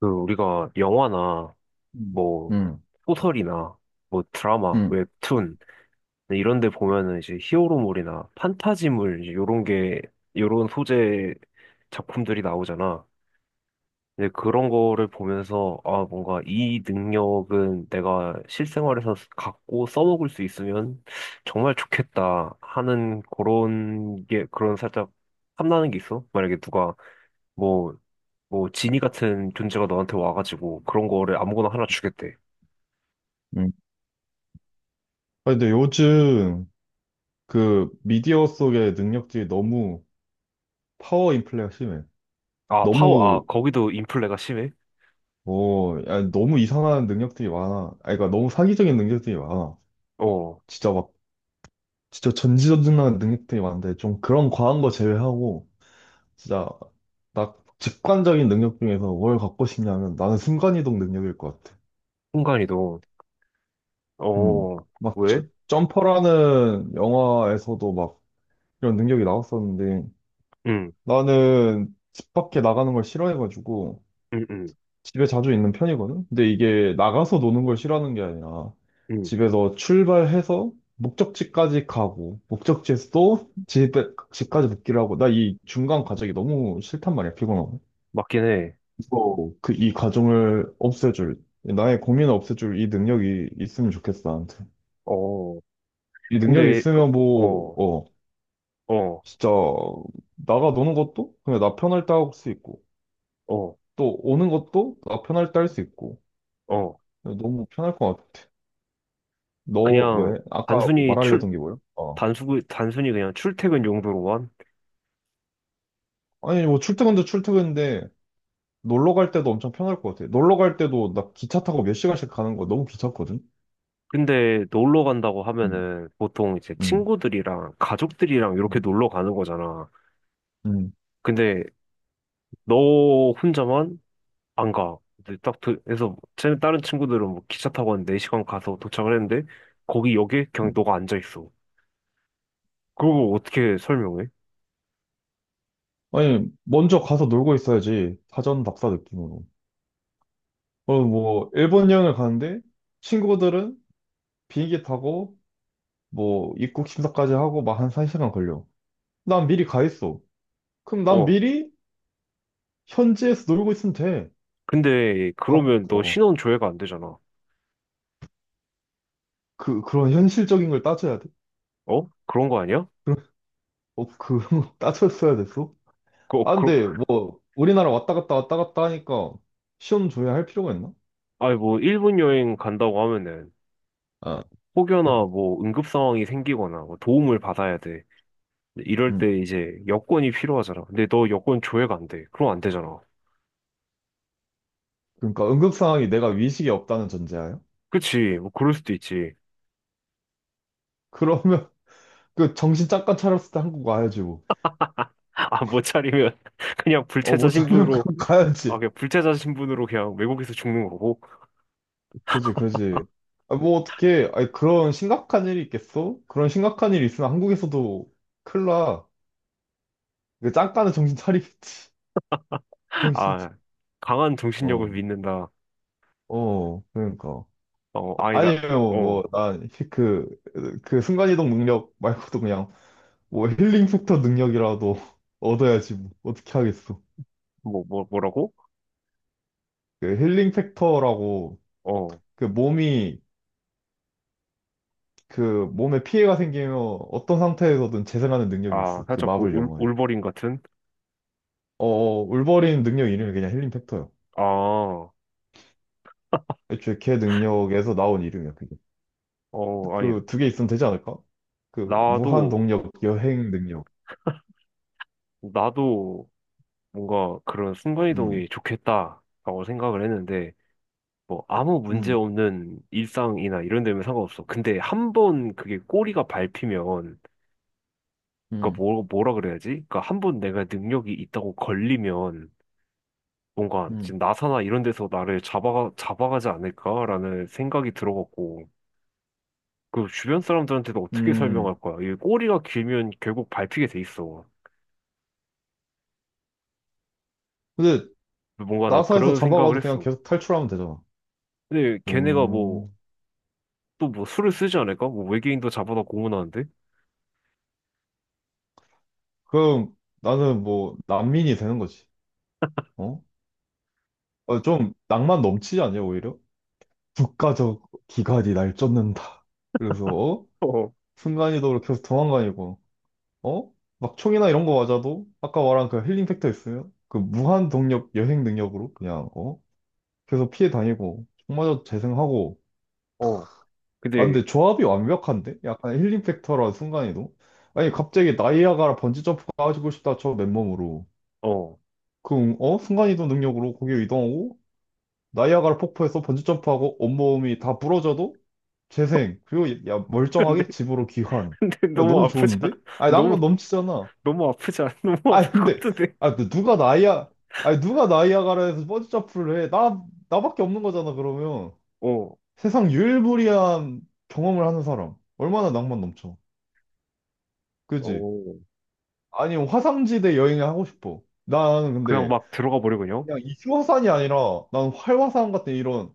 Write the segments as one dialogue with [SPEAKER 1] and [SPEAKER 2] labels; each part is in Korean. [SPEAKER 1] 그 우리가 영화나
[SPEAKER 2] 음,
[SPEAKER 1] 뭐
[SPEAKER 2] 음,
[SPEAKER 1] 소설이나 뭐 드라마,
[SPEAKER 2] 음.
[SPEAKER 1] 웹툰 이런 데 보면은 이제 히어로물이나 판타지물 이제 요런 게 요런 소재 작품들이 나오잖아. 근데 그런 거를 보면서 아 뭔가 이 능력은 내가 실생활에서 갖고 써먹을 수 있으면 정말 좋겠다 하는 그런 게 그런 살짝 탐나는 게 있어. 만약에 누가 뭐 뭐 지니 같은 존재가 너한테 와가지고 그런 거를 아무거나 하나 주겠대.
[SPEAKER 2] 음. 아, 근데 요즘 그 미디어 속의 능력들이 너무 파워 인플레가 심해.
[SPEAKER 1] 아, 파워, 아,
[SPEAKER 2] 너무,
[SPEAKER 1] 거기도 인플레가 심해?
[SPEAKER 2] 야, 너무 이상한 능력들이 많아. 아, 그러니까 너무 사기적인 능력들이 많아.
[SPEAKER 1] 어,
[SPEAKER 2] 진짜 막, 진짜 전지전능한 능력들이 많은데, 좀 그런 과한 거 제외하고, 진짜, 딱 직관적인 능력 중에서 뭘 갖고 싶냐면 나는 순간이동 능력일 것 같아.
[SPEAKER 1] 순간이도.
[SPEAKER 2] 음.
[SPEAKER 1] 어,
[SPEAKER 2] 막,
[SPEAKER 1] 왜?
[SPEAKER 2] 점퍼라는 영화에서도 막 이런 능력이 나왔었는데,
[SPEAKER 1] 응,
[SPEAKER 2] 나는 집 밖에 나가는 걸 싫어해가지고
[SPEAKER 1] 응, 응,
[SPEAKER 2] 집에 자주 있는 편이거든? 근데 이게 나가서 노는 걸 싫어하는 게 아니라
[SPEAKER 1] 응.
[SPEAKER 2] 집에서 출발해서 목적지까지 가고 목적지에서 또 집에, 집까지 복귀를 하고 나 이 중간 과정이 너무 싫단 말이야, 피곤하고.
[SPEAKER 1] 맞긴 해.
[SPEAKER 2] 이거, 그, 이 과정을 없애줄, 나의 고민을 없애줄 이 능력이 있으면 좋겠어, 나한테.
[SPEAKER 1] 어,
[SPEAKER 2] 이 능력이
[SPEAKER 1] 근데,
[SPEAKER 2] 있으면
[SPEAKER 1] 어,
[SPEAKER 2] 뭐,
[SPEAKER 1] 어, 어,
[SPEAKER 2] 진짜 나가 노는 것도 그냥 나 편할 때 할 수 있고
[SPEAKER 1] 어.
[SPEAKER 2] 또 오는 것도 나 편할 때 할 수 있고
[SPEAKER 1] 어.
[SPEAKER 2] 너무 편할 것 같아. 너
[SPEAKER 1] 그냥
[SPEAKER 2] 왜? 아까 뭐
[SPEAKER 1] 단순히 출,
[SPEAKER 2] 말하려던 게 뭐야? 어.
[SPEAKER 1] 단순히 그냥 출퇴근 용도로만?
[SPEAKER 2] 아니 뭐 출퇴근도 출퇴근인데 놀러 갈 때도 엄청 편할 것 같아. 놀러 갈 때도 나 기차 타고 몇 시간씩 가는 거 너무 귀찮거든.
[SPEAKER 1] 근데 놀러 간다고
[SPEAKER 2] 음.
[SPEAKER 1] 하면은 보통 이제
[SPEAKER 2] 음.
[SPEAKER 1] 친구들이랑 가족들이랑 이렇게
[SPEAKER 2] 음.
[SPEAKER 1] 놀러 가는 거잖아.
[SPEAKER 2] 음.
[SPEAKER 1] 근데 너 혼자만 안 가. 근데 딱 그래서 다른 친구들은 뭐 기차 타고 한 4시간 가서 도착을 했는데 거기 역에 그냥
[SPEAKER 2] 음.
[SPEAKER 1] 너가 앉아 있어. 그걸 어떻게 설명해?
[SPEAKER 2] 아니 먼저 가서 놀고 있어야지 사전답사 느낌으로. 어, 뭐 일본 여행을 가는데 친구들은 비행기 타고 뭐 입국 심사까지 하고 막 한 1시간 걸려. 난 미리 가 있어. 그럼 난
[SPEAKER 1] 어.
[SPEAKER 2] 미리 현지에서 놀고 있으면 돼.
[SPEAKER 1] 근데
[SPEAKER 2] 밥,
[SPEAKER 1] 그러면 너
[SPEAKER 2] 어,
[SPEAKER 1] 신원 조회가 안 되잖아.
[SPEAKER 2] 그런 현실적인 걸 따져야 돼.
[SPEAKER 1] 어? 그런 거 아니야?
[SPEAKER 2] 그런, 그런 거 따졌어야 됐어?
[SPEAKER 1] 그, 어,
[SPEAKER 2] 아,
[SPEAKER 1] 그,
[SPEAKER 2] 근데 뭐, 우리나라 왔다 갔다 왔다 갔다 하니까 시험 줘야 할 필요가 있나?
[SPEAKER 1] 아니 뭐 일본 여행 간다고 하면은
[SPEAKER 2] 아, 음.
[SPEAKER 1] 혹여나 뭐 응급 상황이 생기거나 뭐 도움을 받아야 돼. 근데 이럴
[SPEAKER 2] 음.
[SPEAKER 1] 때 이제 여권이 필요하잖아. 근데 너 여권 조회가 안 돼. 그럼 안 되잖아.
[SPEAKER 2] 그러니까 응급 상황이 내가 위식이 없다는 전제하에
[SPEAKER 1] 그치? 뭐 그럴 수도 있지.
[SPEAKER 2] 그러면 그 정신 잠깐 차렸을 때 한국 와야지 뭐.
[SPEAKER 1] 아, 못 차리면 그냥
[SPEAKER 2] 어,
[SPEAKER 1] 불체자
[SPEAKER 2] 못 차리면
[SPEAKER 1] 신분으로.
[SPEAKER 2] 그럼
[SPEAKER 1] 아,
[SPEAKER 2] 가야지.
[SPEAKER 1] 그냥 불체자 신분으로 그냥 외국에서 죽는 거고.
[SPEAKER 2] 그지, 그지. 아, 뭐 어떻게, 아니, 그런 심각한 일이 있겠어? 그런 심각한 일이 있으면 한국에서도 큰일 나. 그 잠깐은 정신 차리겠지. 정신.
[SPEAKER 1] 아, 강한 정신력을
[SPEAKER 2] 어,
[SPEAKER 1] 믿는다.
[SPEAKER 2] 어, 그러니까.
[SPEAKER 1] 어, 아니다.
[SPEAKER 2] 아니면 뭐,
[SPEAKER 1] 어,
[SPEAKER 2] 난 그, 순간이동 능력 말고도 그냥 뭐 힐링 팩터 능력이라도 얻어야지 뭐. 어떻게 하겠어.
[SPEAKER 1] 뭐라고?
[SPEAKER 2] 그 힐링 팩터라고
[SPEAKER 1] 어,
[SPEAKER 2] 그 몸이, 그 몸에 피해가 생기면 어떤 상태에서든 재생하는 능력이
[SPEAKER 1] 아,
[SPEAKER 2] 있어. 그
[SPEAKER 1] 살짝 그
[SPEAKER 2] 마블 영화에.
[SPEAKER 1] 울버린 같은?
[SPEAKER 2] 어, 어, 울버린 능력 이름이 그냥 힐링 팩터야.
[SPEAKER 1] 아, 어,
[SPEAKER 2] 애초에 걔 능력에서 나온 이름이야, 그게.
[SPEAKER 1] 아니,
[SPEAKER 2] 그 두 개 있으면 되지 않을까? 그 무한
[SPEAKER 1] 나도,
[SPEAKER 2] 동력, 여행 능력.
[SPEAKER 1] 나도 뭔가 그런
[SPEAKER 2] 음,
[SPEAKER 1] 순간이동이 좋겠다 라고 생각을 했는데, 뭐, 아무 문제
[SPEAKER 2] 음,
[SPEAKER 1] 없는 일상이나 이런 데면 상관없어. 근데 한 번 그게 꼬리가 밟히면, 그니까
[SPEAKER 2] 음,
[SPEAKER 1] 뭐, 뭐라 그래야지? 그니까 한 번 내가 능력이 있다고 걸리면, 뭔가
[SPEAKER 2] 음.
[SPEAKER 1] 지금 나사나 이런 데서 나를 잡아가지 않을까라는 생각이 들어갔고, 그 주변 사람들한테도 어떻게
[SPEAKER 2] 음.
[SPEAKER 1] 설명할 거야? 이 꼬리가 길면 결국 밟히게 돼 있어.
[SPEAKER 2] 근데
[SPEAKER 1] 뭔가 나
[SPEAKER 2] 나사에서
[SPEAKER 1] 그런 생각을
[SPEAKER 2] 잡아가도 그냥
[SPEAKER 1] 했어.
[SPEAKER 2] 계속 탈출하면 되잖아.
[SPEAKER 1] 근데 걔네가 뭐,
[SPEAKER 2] 음.
[SPEAKER 1] 또 뭐 수를 쓰지 않을까? 뭐 외계인도 잡아다 고문하는데?
[SPEAKER 2] 그럼 나는 뭐 난민이 되는 거지. 어? 어, 좀 낭만 넘치지 않냐, 오히려? 국가적 기관이 날 쫓는다. 그래서 어?
[SPEAKER 1] 어,
[SPEAKER 2] 순간이동으로 계속 도망다니고 어? 막 총이나 이런 거 맞아도 아까 말한 그 힐링 팩터 있으면 그 무한 동력 여행 능력으로 그냥 어? 계속 피해 다니고 총 맞아도 재생하고
[SPEAKER 1] 어,
[SPEAKER 2] 아,
[SPEAKER 1] 근데,
[SPEAKER 2] 근데 조합이 완벽한데? 약간 힐링 팩터라 순간이동? 아니, 갑자기 나이아가라 번지점프 가지고 싶다, 저 맨몸으로.
[SPEAKER 1] 어.
[SPEAKER 2] 그럼, 어? 순간이동 능력으로 거기 이동하고, 나이아가라 폭포에서 번지점프하고, 온몸이 다 부러져도 재생. 그리고, 야,
[SPEAKER 1] 근데,
[SPEAKER 2] 멀쩡하게 집으로 귀환.
[SPEAKER 1] 근데
[SPEAKER 2] 아,
[SPEAKER 1] 너무
[SPEAKER 2] 너무
[SPEAKER 1] 아프지
[SPEAKER 2] 좋은데?
[SPEAKER 1] 않아?
[SPEAKER 2] 아니,
[SPEAKER 1] 너무,
[SPEAKER 2] 낭만 넘치잖아.
[SPEAKER 1] 너무 아프지 않아? 너무
[SPEAKER 2] 아,
[SPEAKER 1] 아플 것
[SPEAKER 2] 근데,
[SPEAKER 1] 같은데?
[SPEAKER 2] 아, 근데 누가 아니, 누가 나이아가라에서 번지점프를 해? 나, 나밖에 없는 거잖아, 그러면.
[SPEAKER 1] 어,
[SPEAKER 2] 세상 유일무이한 경험을 하는 사람. 얼마나 낭만 넘쳐. 그지?
[SPEAKER 1] 어,
[SPEAKER 2] 아니, 화산지대 여행을 하고 싶어. 나는
[SPEAKER 1] 그냥
[SPEAKER 2] 근데
[SPEAKER 1] 막 들어가 버려, 그냥.
[SPEAKER 2] 그냥 이슈화산이 아니라 난 활화산 같은 이런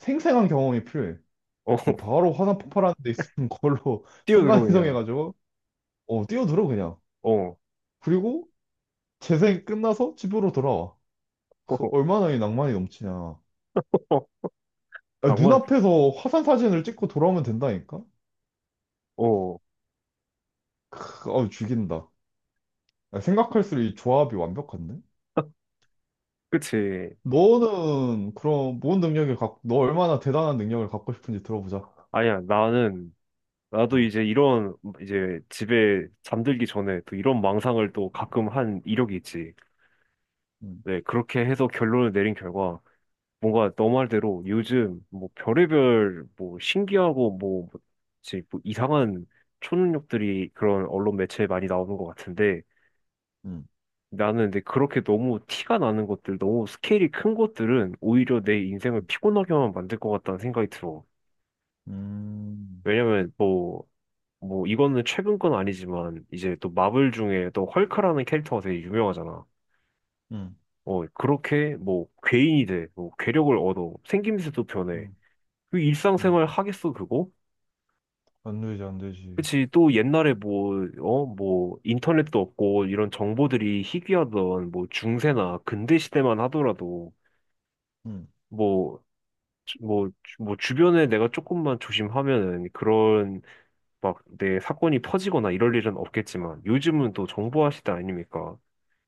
[SPEAKER 2] 생생한 경험이 필요해.
[SPEAKER 1] 어,
[SPEAKER 2] 그럼 바로 화산 폭발하는 데 있는 걸로
[SPEAKER 1] 뛰어들어, 그냥.
[SPEAKER 2] 순간이동해가지고 어, 뛰어들어 그냥.
[SPEAKER 1] 어,
[SPEAKER 2] 그리고 재생 끝나서 집으로 돌아와. 그 얼마나 이 낭만이 넘치냐.
[SPEAKER 1] 어,
[SPEAKER 2] 야,
[SPEAKER 1] 낭만,
[SPEAKER 2] 눈앞에서 화산 사진을 찍고 돌아오면 된다니까?
[SPEAKER 1] 어,
[SPEAKER 2] 크, 어우, 죽인다. 야, 생각할수록 이 조합이 완벽한데?
[SPEAKER 1] 그치.
[SPEAKER 2] 너는 그럼 뭔 능력을 갖고, 너 얼마나 대단한 능력을 갖고 싶은지 들어보자.
[SPEAKER 1] 아니야, 나도
[SPEAKER 2] 어,
[SPEAKER 1] 이제 이런, 이제 집에 잠들기 전에 또 이런 망상을 또 가끔 한 이력이 있지.
[SPEAKER 2] 음,
[SPEAKER 1] 네, 그렇게 해서 결론을 내린 결과, 뭔가 너 말대로 요즘 뭐 별의별 뭐 신기하고 뭐, 뭐지, 뭐 이상한 초능력들이 그런 언론 매체에 많이 나오는 것 같은데,
[SPEAKER 2] 음,
[SPEAKER 1] 나는 근데 그렇게 너무 티가 나는 것들, 너무 스케일이 큰 것들은 오히려 내 인생을
[SPEAKER 2] 음,
[SPEAKER 1] 피곤하게만 만들 것 같다는 생각이 들어. 왜냐면 뭐 이거는 최근 건 아니지만 이제 또 마블 중에 또 헐크라는 캐릭터가 되게 유명하잖아.
[SPEAKER 2] 음,
[SPEAKER 1] 어 그렇게 뭐 괴인이 돼, 뭐 괴력을 얻어, 생김새도 변해.
[SPEAKER 2] 음,
[SPEAKER 1] 그
[SPEAKER 2] 음.
[SPEAKER 1] 일상생활 하겠어 그거?
[SPEAKER 2] 안 되지, 안 되지.
[SPEAKER 1] 그치 또 옛날에 뭐 어 뭐 인터넷도 없고 이런 정보들이 희귀하던 뭐 중세나 근대 시대만 하더라도
[SPEAKER 2] 음,
[SPEAKER 1] 뭐 주변에 내가 조금만 조심하면은 그런 막 내 사건이 퍼지거나 이럴 일은 없겠지만 요즘은 또 정보화 시대 아닙니까?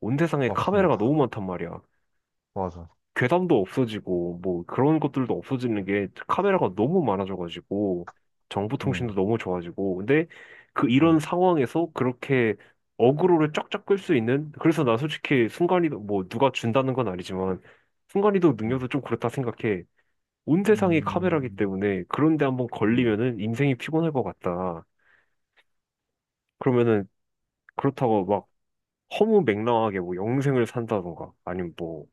[SPEAKER 1] 온 세상에 카메라가
[SPEAKER 2] 맞습니다.
[SPEAKER 1] 너무 많단 말이야.
[SPEAKER 2] 맞아.
[SPEAKER 1] 괴담도 없어지고, 뭐, 그런 것들도 없어지는 게 카메라가 너무 많아져가지고,
[SPEAKER 2] 음,
[SPEAKER 1] 정보통신도 너무 좋아지고, 근데 그
[SPEAKER 2] 음,
[SPEAKER 1] 이런 상황에서 그렇게 어그로를 쫙쫙 끌 수 있는, 그래서 나 솔직히 순간이도, 뭐, 누가 준다는 건 아니지만, 순간이도
[SPEAKER 2] 음,
[SPEAKER 1] 능력도 좀 그렇다 생각해. 온 세상이 카메라기
[SPEAKER 2] 음,
[SPEAKER 1] 때문에, 그런데 한번
[SPEAKER 2] 음,
[SPEAKER 1] 걸리면은 인생이 피곤할 것 같다. 그러면은, 그렇다고 막, 허무맹랑하게 뭐, 영생을 산다던가, 아니면 뭐,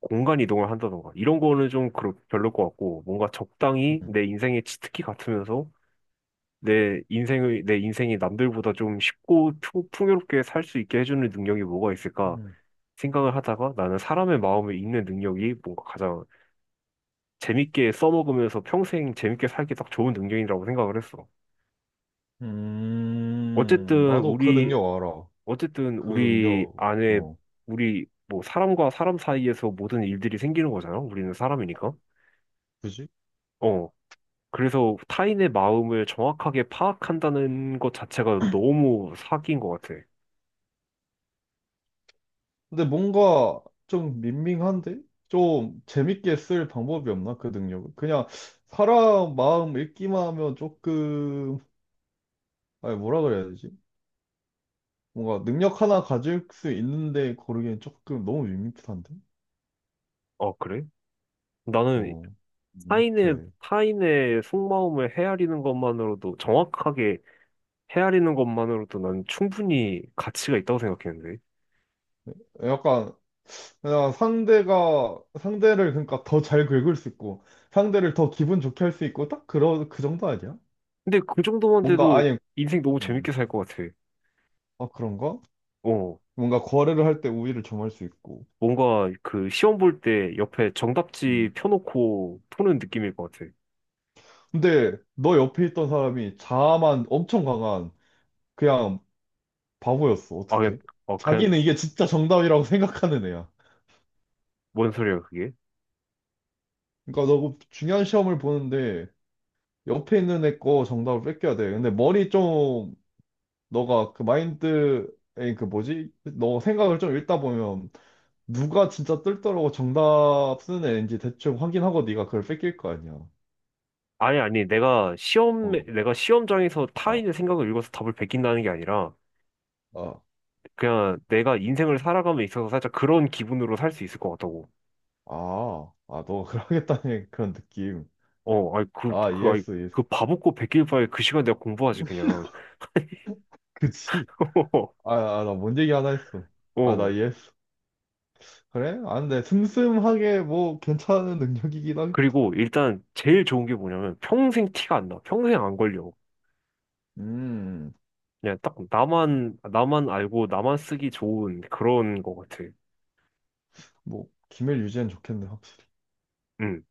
[SPEAKER 1] 공간 이동을 한다던가 이런 거는 별로일 것 같고 뭔가 적당히
[SPEAKER 2] 음,
[SPEAKER 1] 내 인생의 치트키 같으면서 내 인생이 남들보다 좀 쉽고 풍요롭게 살 수 있게 해주는 능력이 뭐가 있을까
[SPEAKER 2] 음.
[SPEAKER 1] 생각을 하다가 나는 사람의 마음을 읽는 능력이 뭔가 가장 재밌게 써먹으면서 평생 재밌게 살기 딱 좋은 능력이라고 생각을 했어. 어쨌든
[SPEAKER 2] 나도 그
[SPEAKER 1] 우리
[SPEAKER 2] 능력 알아.
[SPEAKER 1] 어쨌든
[SPEAKER 2] 그
[SPEAKER 1] 우리
[SPEAKER 2] 능력,
[SPEAKER 1] 안에
[SPEAKER 2] 어,
[SPEAKER 1] 우리 뭐 사람과 사람 사이에서 모든 일들이 생기는 거잖아. 우리는 사람이니까.
[SPEAKER 2] 그지?
[SPEAKER 1] 어. 그래서 타인의 마음을 정확하게 파악한다는 것 자체가 너무 사기인 것 같아.
[SPEAKER 2] 근데 뭔가 좀 밍밍한데? 좀 재밌게 쓸 방법이 없나? 그 능력을. 그냥 사람 마음 읽기만 하면 조금, 아니, 뭐라 그래야 되지? 뭔가 능력 하나 가질 수 있는데 고르기엔 조금 너무 밋밋한데?
[SPEAKER 1] 아, 그래? 나는
[SPEAKER 2] 어, 밋밋해.
[SPEAKER 1] 타인의 속마음을 헤아리는 것만으로도, 정확하게 헤아리는 것만으로도 난 충분히 가치가 있다고 생각했는데.
[SPEAKER 2] 약간, 그냥 상대를 그러니까 더 잘 긁을 수 있고, 상대를 더 기분 좋게 할 수 있고, 딱 그런, 그 정도 아니야?
[SPEAKER 1] 근데 그 정도만
[SPEAKER 2] 뭔가
[SPEAKER 1] 돼도
[SPEAKER 2] 아예,
[SPEAKER 1] 인생 너무
[SPEAKER 2] 어,
[SPEAKER 1] 재밌게 살 것 같아.
[SPEAKER 2] 아, 그런가?
[SPEAKER 1] 어,
[SPEAKER 2] 뭔가 거래를 할 때 우위를 점할 수 있고.
[SPEAKER 1] 뭔가 그 시험 볼 때 옆에
[SPEAKER 2] 음.
[SPEAKER 1] 정답지 펴놓고 푸는 느낌일 것 같아.
[SPEAKER 2] 근데 너 옆에 있던 사람이 자아만 엄청 강한 그냥 바보였어.
[SPEAKER 1] 아, 그냥,
[SPEAKER 2] 어떻게?
[SPEAKER 1] 아, 그냥
[SPEAKER 2] 자기는 이게 진짜 정답이라고 생각하는 애야.
[SPEAKER 1] 뭔 소리야, 그게?
[SPEAKER 2] 그러니까 너그 중요한 시험을 보는데 옆에 있는 애 거 정답을 뺏겨야 돼. 근데 머리 좀, 너가 그 마인드에 그 뭐지? 너 생각을 좀 읽다 보면 누가 진짜 뜰더라고 정답 쓰는 애인지 대충 확인하고 네가 그걸 뺏길 거 아니야.
[SPEAKER 1] 아니, 내가
[SPEAKER 2] 어,
[SPEAKER 1] 내가 시험장에서
[SPEAKER 2] 아,
[SPEAKER 1] 타인의 생각을 읽어서 답을 베낀다는 게 아니라,
[SPEAKER 2] 아,
[SPEAKER 1] 그냥 내가 인생을 살아감에 있어서 살짝 그런 기분으로 살 수 있을 것 같다고.
[SPEAKER 2] 아, 아, 너가 그러겠다는 그런 느낌.
[SPEAKER 1] 어, 아니,
[SPEAKER 2] 아,
[SPEAKER 1] 그, 아니,
[SPEAKER 2] 이해했어, 이해했어.
[SPEAKER 1] 그 바보고 베낄 바에 그 시간 내가 공부하지, 그냥.
[SPEAKER 2] 그치? 아, 아, 나 뭔 얘기 하나 했어. 아, 나
[SPEAKER 1] 어.
[SPEAKER 2] 이해했어. 그래? 아, 근데 슴슴하게 뭐 괜찮은 능력이긴 하겠.
[SPEAKER 1] 그리고 일단 제일 좋은 게 뭐냐면 평생 티가 안 나. 평생 안 걸려.
[SPEAKER 2] 음,
[SPEAKER 1] 그냥 딱 나만 알고 나만 쓰기 좋은 그런 것 같아.
[SPEAKER 2] 뭐, 기밀 유지엔 좋겠네, 확실히.
[SPEAKER 1] 응.